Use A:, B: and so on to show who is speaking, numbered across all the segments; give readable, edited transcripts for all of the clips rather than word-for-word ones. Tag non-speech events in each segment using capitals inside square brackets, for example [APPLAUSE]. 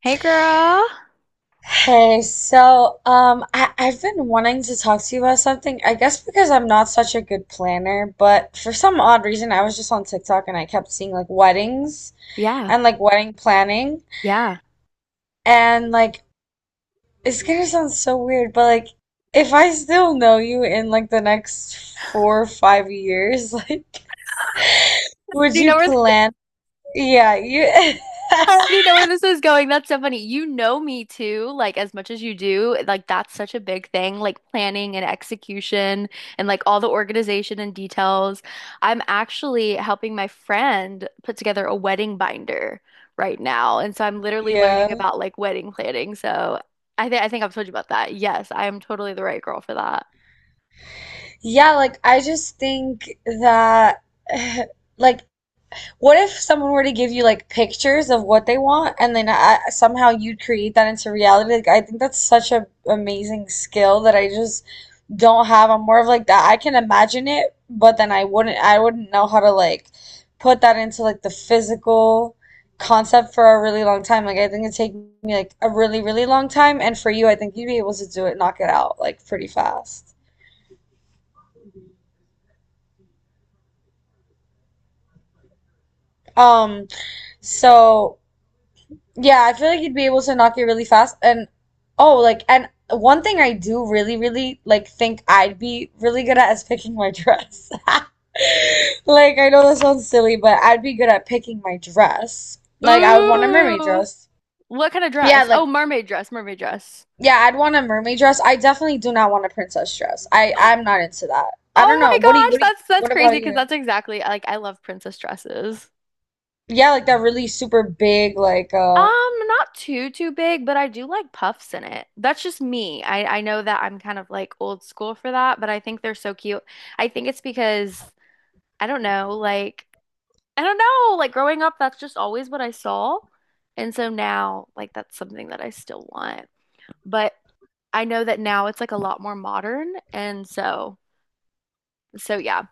A: Hey girl.
B: Hey, so I've been wanting to talk to you about something. I guess because I'm not such a good planner, but for some odd reason, I was just on TikTok and I kept seeing like weddings
A: Yeah.
B: and like wedding planning.
A: Yeah.
B: And like, it's gonna sound so weird, but like, if I still know you in like the next 4 or 5 years, [LAUGHS] like,
A: Do
B: would
A: you know
B: you
A: where [LAUGHS]
B: plan? Yeah, you.
A: I
B: [LAUGHS]
A: already know where this is going. That's so funny. You know me too, like as much as you do. Like that's such a big thing, like planning and execution and like all the organization and details. I'm actually helping my friend put together a wedding binder right now. And so I'm literally
B: Yeah.
A: learning about like wedding planning. So I think I've told you about that. Yes, I am totally the right girl for that.
B: Yeah, like I just think that [SIGHS] like what if someone were to give you like pictures of what they want and then somehow you'd create that into reality? Like I think that's such a amazing skill that I just don't have. I'm more of like that. I can imagine it, but then I wouldn't know how to like put that into like the physical concept for a really long time. Like I think it'd take me like a really, really long time. And for you, I think you'd be able to do it, knock it out like pretty fast. Um, so yeah, I feel like you'd be able to knock it really fast. And oh, like, and one thing I do really, really like think I'd be really good at is picking my dress. [LAUGHS] Like, I know that sounds silly, but I'd be good at picking my dress. Like, I would want a mermaid
A: Ooh.
B: dress.
A: What kind of
B: Yeah,
A: dress? Oh,
B: like,
A: mermaid dress, mermaid dress.
B: yeah, I'd want a mermaid dress. I definitely do not want a princess dress. I,
A: [GASPS]
B: I'm not into that. I don't
A: Oh
B: know.
A: my gosh, that's
B: What
A: crazy
B: about
A: because
B: you?
A: that's exactly like I love princess dresses.
B: Yeah, like that really super big, like,
A: Um, Not too too big, but I do like puffs in it. That's just me. I know that I'm kind of like old school for that, but I think they're so cute. I think it's because I don't know, like I don't know, like growing up, that's just always what I saw. And so now, like that's something that I still want. But I know that now it's like a lot more modern, and so so yeah.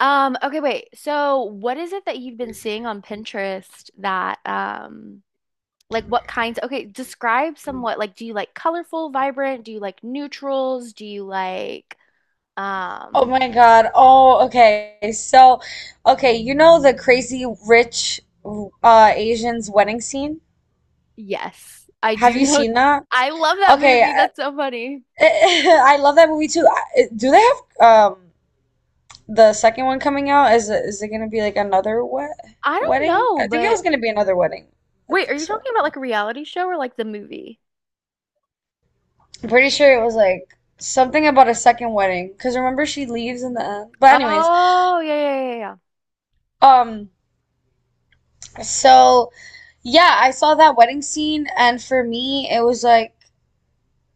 A: Okay, wait. So what is it that you've been seeing on Pinterest that like what kinds, okay, describe somewhat, like do you like colorful, vibrant, do you like neutrals, do you like
B: oh
A: um
B: my God. Oh, okay. So, okay, you know the crazy rich Asians wedding scene?
A: yes, I
B: Have
A: do [LAUGHS]
B: you
A: know that.
B: seen that?
A: I love that
B: Okay,
A: movie.
B: I,
A: That's so funny.
B: [LAUGHS] I love that movie too. I- do they have the second one coming out? Is it gonna be like another
A: I don't
B: wedding?
A: know,
B: I think it
A: but
B: was gonna be another wedding. I
A: wait, are
B: think
A: you
B: so.
A: talking about like a reality show or like the movie?
B: I'm pretty sure it was like something about a second wedding because remember she leaves in the end. But anyways,
A: Oh, yeah, yeah, yeah, yeah, yeah.
B: um, so. Yeah, I saw that wedding scene, and for me, it was like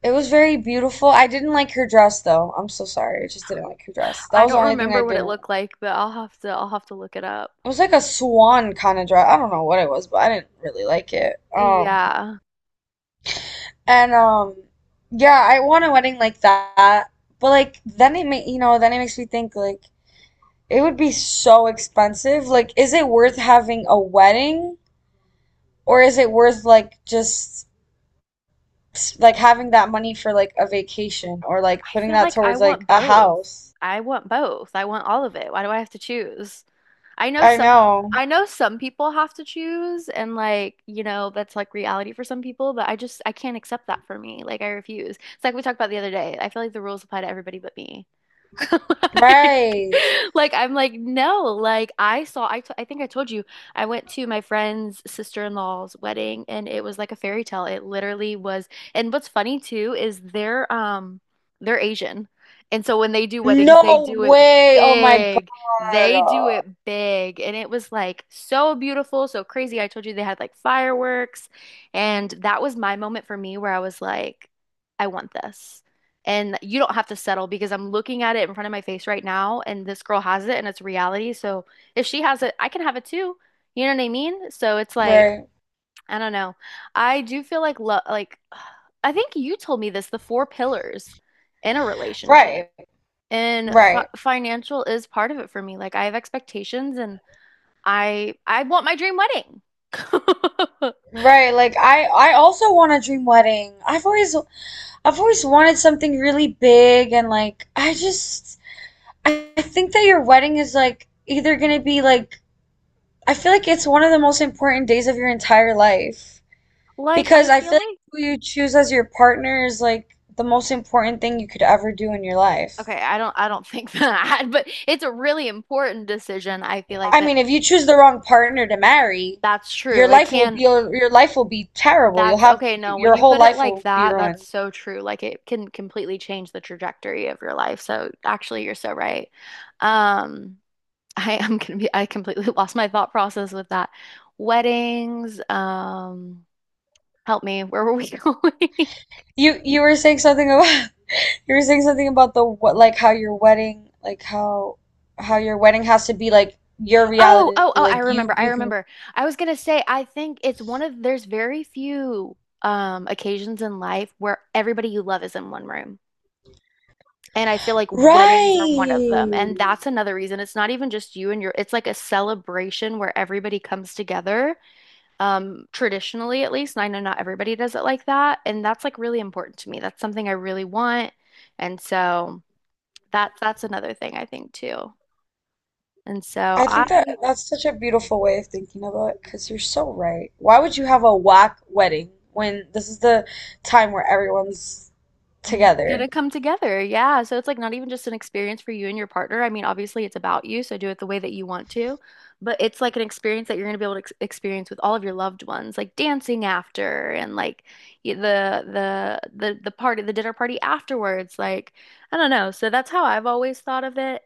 B: it was very beautiful. I didn't like her dress though. I'm so sorry. I just didn't like her dress. That
A: I
B: was the
A: don't
B: only thing I
A: remember what it
B: didn't like.
A: looked like, but I'll have to look it up.
B: It was like a swan kind of dress. I don't know what it was, but I didn't really like it.
A: Yeah.
B: And yeah, I want a wedding like that. But like then it may, then it makes me think like it would be so expensive. Like, is it worth having a wedding or is it worth like just like having that money for like a vacation or like
A: I
B: putting
A: feel
B: that
A: like I
B: towards like
A: want
B: a
A: both.
B: house.
A: I want both. I want all of it. Why do I have to choose? I know
B: I
A: some
B: know.
A: I know some people have to choose and like, that's like reality for some people, but I just I can't accept that for me. Like I refuse. It's like we talked about the other day. I feel like the rules apply to everybody but me. [LAUGHS] Like,
B: Right.
A: like I'm like, no, like I saw, I think I told you, I went to my friend's sister-in-law's wedding and it was like a fairy tale. It literally was. And what's funny too is they're Asian. And so when they do weddings, they
B: No
A: do it
B: way. Oh my God.
A: big. They do
B: Oh,
A: it big. And it was like so beautiful, so crazy. I told you they had like fireworks. And that was my moment for me where I was like, I want this, and you don't have to settle because I'm looking at it in front of my face right now and this girl has it and it's reality. So if she has it, I can have it too. You know what I mean? So it's like,
B: right.
A: I don't know. I do feel like love, like [SIGHS] I think you told me this, the 4 pillars in a relationship.
B: Right.
A: And fi
B: Right.
A: financial is part of it for me. Like I have expectations, and I want my dream wedding. [LAUGHS]
B: Right. Like I also want a dream wedding. I've always wanted something really big and like I just I think that your wedding is like either gonna be like I feel like it's one of the most important days of your entire life.
A: Like I
B: Because I
A: feel
B: feel like
A: like
B: who you choose as your partner is like the most important thing you could ever do in your life.
A: okay, I don't think that, [LAUGHS] but it's a really important decision, I feel like,
B: I
A: but
B: mean, if you choose the wrong partner to marry,
A: that's true.
B: your
A: It
B: life will
A: can,
B: be your life will be terrible. You'll
A: that's
B: have
A: okay. No, when
B: your
A: you
B: whole
A: put it
B: life
A: like
B: will be
A: that, that's
B: ruined.
A: so true. Like it can completely change the trajectory of your life. So actually, you're so right. Um, [LAUGHS] I am gonna be, I completely [LAUGHS] lost my thought process with that. Weddings, help me. Where were we [LAUGHS] going?
B: You were saying something about [LAUGHS] you were saying something about the what, like how your wedding, like how your wedding has to be like your
A: Oh,
B: reality,
A: oh, oh, I
B: like
A: remember.
B: you
A: I
B: you can.
A: remember. I was gonna say, I think there's very few occasions in life where everybody you love is in one room. And I feel like weddings are one of them.
B: Right.
A: And that's another reason. It's not even just you and your, it's like a celebration where everybody comes together, traditionally at least. And I know not everybody does it like that. And that's like really important to me. That's something I really want. And so that that's another thing I think too. And so
B: I think that that's such a beautiful way of thinking about it because you're so right. Why would you have a whack wedding when this is the time where everyone's together?
A: gonna come together. Yeah. So it's like not even just an experience for you and your partner. I mean, obviously it's about you, so do it the way that you want to, but it's like an experience that you're gonna be able to ex experience with all of your loved ones, like dancing after and like y- the the party, the dinner party afterwards. Like, I don't know. So that's how I've always thought of it.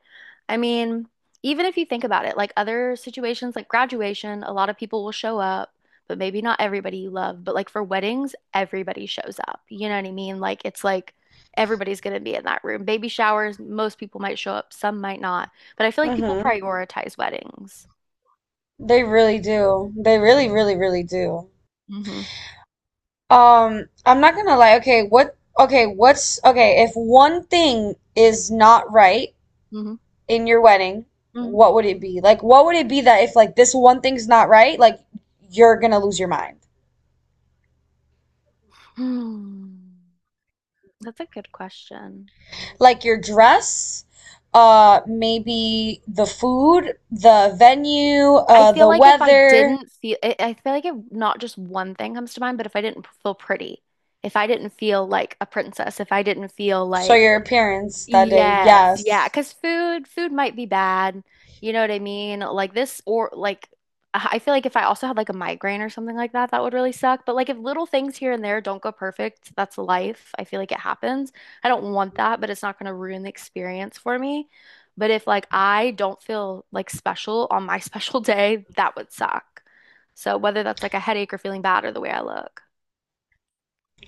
A: I mean, even if you think about it, like other situations like graduation, a lot of people will show up, but maybe not everybody you love. But like for weddings, everybody shows up. You know what I mean? Like it's like everybody's going to be in that room. Baby showers, most people might show up, some might not. But I feel like people
B: Mm-hmm.
A: prioritize weddings.
B: They really do. They really, really, really do.
A: Hmm.
B: I'm not gonna lie. Okay, what? Okay, what's okay? If one thing is not right,
A: Hmm.
B: in your wedding,
A: Hmm.
B: what would it be? Like, what would it be that if like this one thing's not right, like you're gonna lose your mind?
A: Hmm. That's a good question.
B: Like your dress, maybe the food, the venue, the weather.
A: I feel like if not just one thing comes to mind, but if I didn't feel pretty, if I didn't feel like a princess, if I didn't feel
B: So
A: like
B: your appearance that day,
A: yes, yeah,
B: yes.
A: because food might be bad. You know what I mean? Like this or like I feel like if I also had like a migraine or something like that, that would really suck. But like if little things here and there don't go perfect, that's life. I feel like it happens. I don't want that, but it's not going to ruin the experience for me. But if like I don't feel like special on my [LAUGHS] special day, that would suck. So whether that's like a headache or feeling bad or the way I look.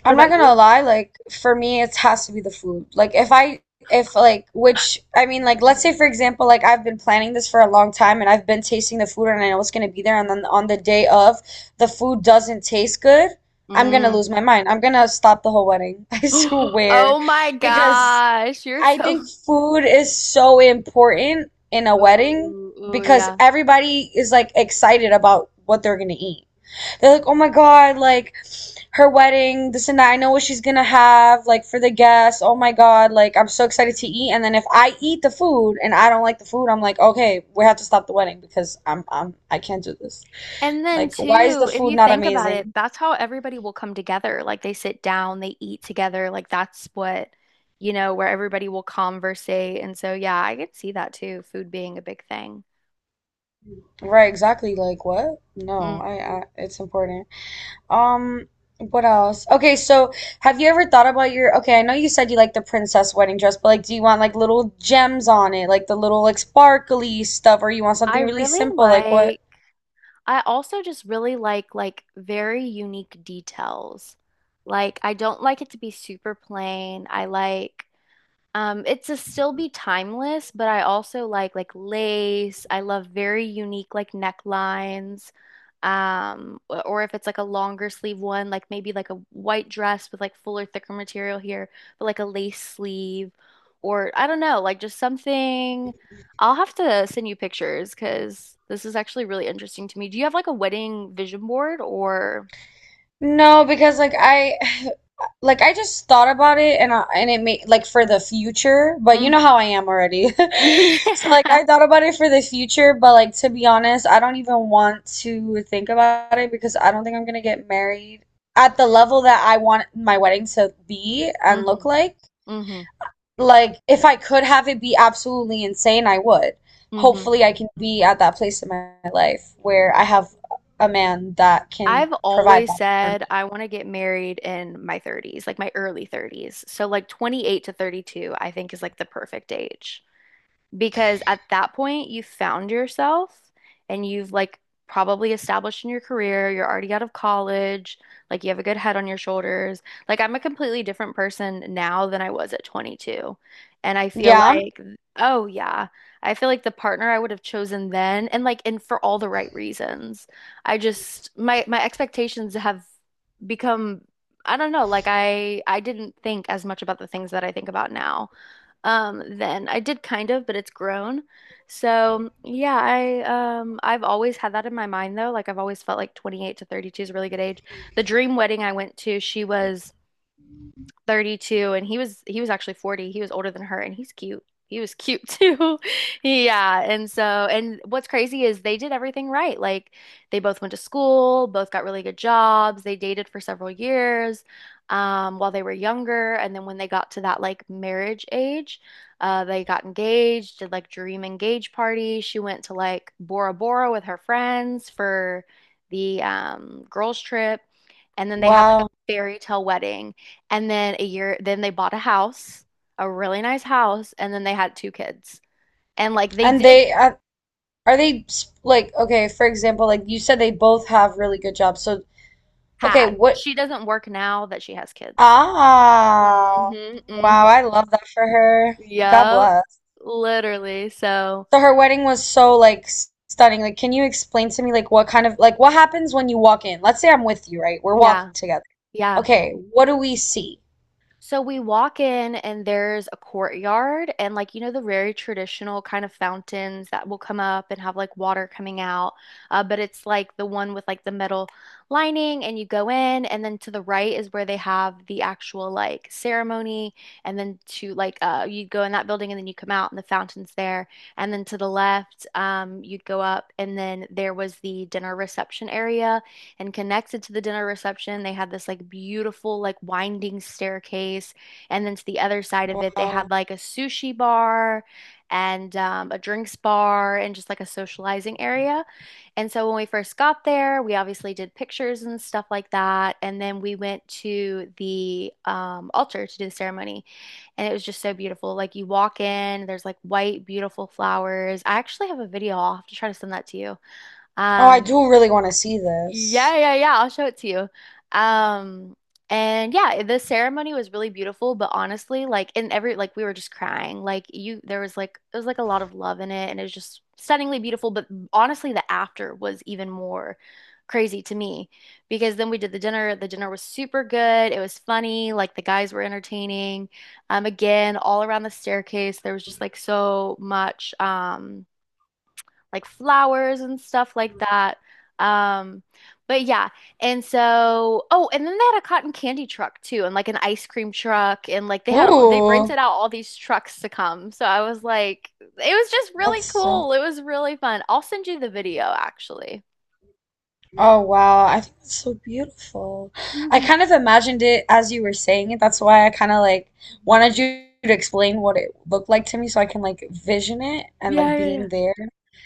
A: What
B: I'm not
A: about
B: gonna
A: you?
B: lie, like for me it has to be the food. Like if I if like which I mean like let's say for example like I've been planning this for a long time and I've been tasting the food and I know it's gonna be there and then on the day of the food doesn't taste good, I'm gonna
A: Mm.
B: lose my mind. I'm gonna stop the whole wedding. [LAUGHS] I
A: [GASPS]
B: swear.
A: Oh my
B: Because
A: gosh, you're
B: I think
A: so
B: food is so important in a wedding
A: ooh, ooh,
B: because
A: yeah.
B: everybody is like excited about what they're gonna eat. They're like, "Oh my God, like her wedding, this and that. I know what she's gonna have, like for the guests. Oh my God, like I'm so excited to eat." And then if I eat the food and I don't like the food, I'm like, okay, we have to stop the wedding because I'm I can't do this.
A: And then
B: Like, why is the
A: too, if
B: food
A: you
B: not
A: think about it,
B: amazing?
A: that's how everybody will come together. Like they sit down, they eat together. Like that's what, where everybody will conversate. And so yeah, I could see that too, food being a big thing.
B: Right, exactly. Like what? No,
A: Mm.
B: I it's important. Um, what else? Okay, so have you ever thought about your, okay, I know you said you like the princess wedding dress, but like do you want like little gems on it, like the little like sparkly stuff, or you want
A: I
B: something really
A: really
B: simple? Like
A: like,
B: what
A: I also just really like very unique details. Like I don't like it to be super plain. I like it's to still be timeless, but I also like lace. I love very unique like necklines. Or if it's like a longer sleeve one, like maybe like a white dress with like fuller, thicker material here, but like a lace sleeve, or I don't know, like just something. I'll have to send you pictures because this is actually really interesting to me. Do you have like a wedding vision board or?
B: no, because like I [SIGHS] like I just thought about it and and it made like for the future, but you know
A: Hmm.
B: how I am already. [LAUGHS] So like I
A: [LAUGHS] Yeah.
B: thought about it for the future, but like to be honest, I don't even want to think about it because I don't think I'm gonna get married at the level that I want my wedding to be and
A: Hmm.
B: look like.
A: Hmm.
B: Like if I could have it be absolutely insane, I would.
A: Hmm.
B: Hopefully I can be at that place in my life where I have a man that can
A: I've
B: provide
A: always
B: that for
A: said
B: me.
A: I want to get married in my 30s, like my early 30s. So like 28 to 32, I think is like the perfect age. Because at that point, you found yourself and you've like probably established in your career, you're already out of college, like you have a good head on your shoulders. Like I'm a completely different person now than I was at 22. And I feel
B: Yeah.
A: like, oh yeah, I feel like the partner I would have chosen then and like and for all the right reasons. I just my my expectations have become I don't know, like I didn't think as much about the things that I think about now then. I did kind of, but it's grown. So, yeah, I've always had that in my mind though. Like I've always felt like 28 to 32 is a really good age. The dream wedding I went to, she was 32 and he was actually 40. He was older than her and he's cute. He was cute too. [LAUGHS] Yeah, and so and what's crazy is they did everything right. Like they both went to school, both got really good jobs, they dated for several years while they were younger, and then when they got to that like marriage age, they got engaged, did like dream engage party. She went to like Bora Bora with her friends for the girls trip, and then they had like
B: Wow.
A: a fairy tale wedding. And then a year, then they bought a house, a really nice house, and then they had 2 kids. And like they
B: And
A: did
B: they are they s- like okay, for example, like you said they both have really good jobs. So okay,
A: had.
B: what
A: She doesn't work now that she has kids.
B: ah
A: Hmm.
B: wow, I
A: Hmm.
B: love that for her. God
A: Yep,
B: bless.
A: literally. So,
B: So her wedding was so like s- stunning. Like can you explain to me like what kind of like what happens when you walk in? Let's say I'm with you, right? We're
A: yeah.
B: walking together.
A: Yeah.
B: Okay, what do we see?
A: So we walk in and there's a courtyard, and like you know the very traditional kind of fountains that will come up and have like water coming out. But it's like the one with like the metal lining, and you go in and then to the right is where they have the actual like ceremony, and then to like you go in that building and then you come out and the fountain's there, and then to the left you go up, and then there was the dinner reception area, and connected to the dinner reception, they had this like beautiful, like winding staircase. And then to the other side of it, they had
B: Wow.
A: like a sushi bar and a drinks bar and just like a socializing area. And so when we first got there, we obviously did pictures and stuff like that. And then we went to the altar to do the ceremony. And it was just so beautiful. Like you walk in, there's like white, beautiful flowers. I actually have a video. I'll have to try to send that to you.
B: Oh, I
A: Um,
B: do really want to see this.
A: yeah, yeah, yeah. I'll show it to you. Um, and yeah, the ceremony was really beautiful, but honestly, like in every like we were just crying. Like you there was like a lot of love in it and it was just stunningly beautiful, but honestly the after was even more crazy to me because then we did the dinner. The dinner was super good. It was funny, like the guys were entertaining. Again, all around the staircase, there was just like so much like flowers and stuff like that. Um, but yeah, and so oh, and then they had a cotton candy truck too, and like an ice cream truck, and like they
B: Ooh,
A: rented out all these trucks to come. So I was like, it was just really
B: that's so
A: cool. It was really fun. I'll send you the video actually.
B: oh wow, I think that's so beautiful. I
A: Mhm.
B: kind of imagined it as you were saying it. That's why I kind of like wanted you to explain what it looked like to me so I can like vision it and like
A: Yeah, yeah, yeah.
B: being there.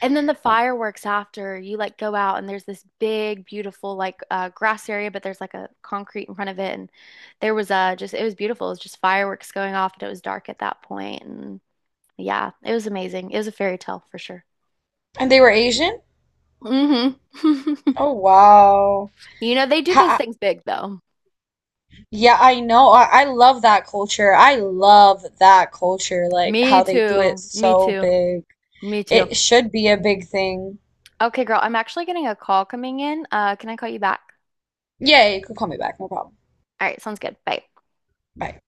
A: And then the
B: Oh,
A: fireworks after, you like go out and there's this big, beautiful like grass area, but there's like a concrete in front of it, and there was just it was beautiful. It was just fireworks going off, and it was dark at that point, and yeah, it was amazing. It was a fairy tale for sure.
B: and they were Asian?
A: Hmm. [LAUGHS]
B: Oh wow.
A: You know they do those
B: How,
A: things big though.
B: yeah, I know. I love that culture. I love that culture, like
A: Me
B: how they do it
A: too. Me
B: so
A: too.
B: big.
A: Me too.
B: It should be a big thing.
A: Okay, girl, I'm actually getting a call coming in. Can I call you back?
B: Yeah, yeah, you could call me back, no problem.
A: All right, sounds good. Bye.
B: Bye.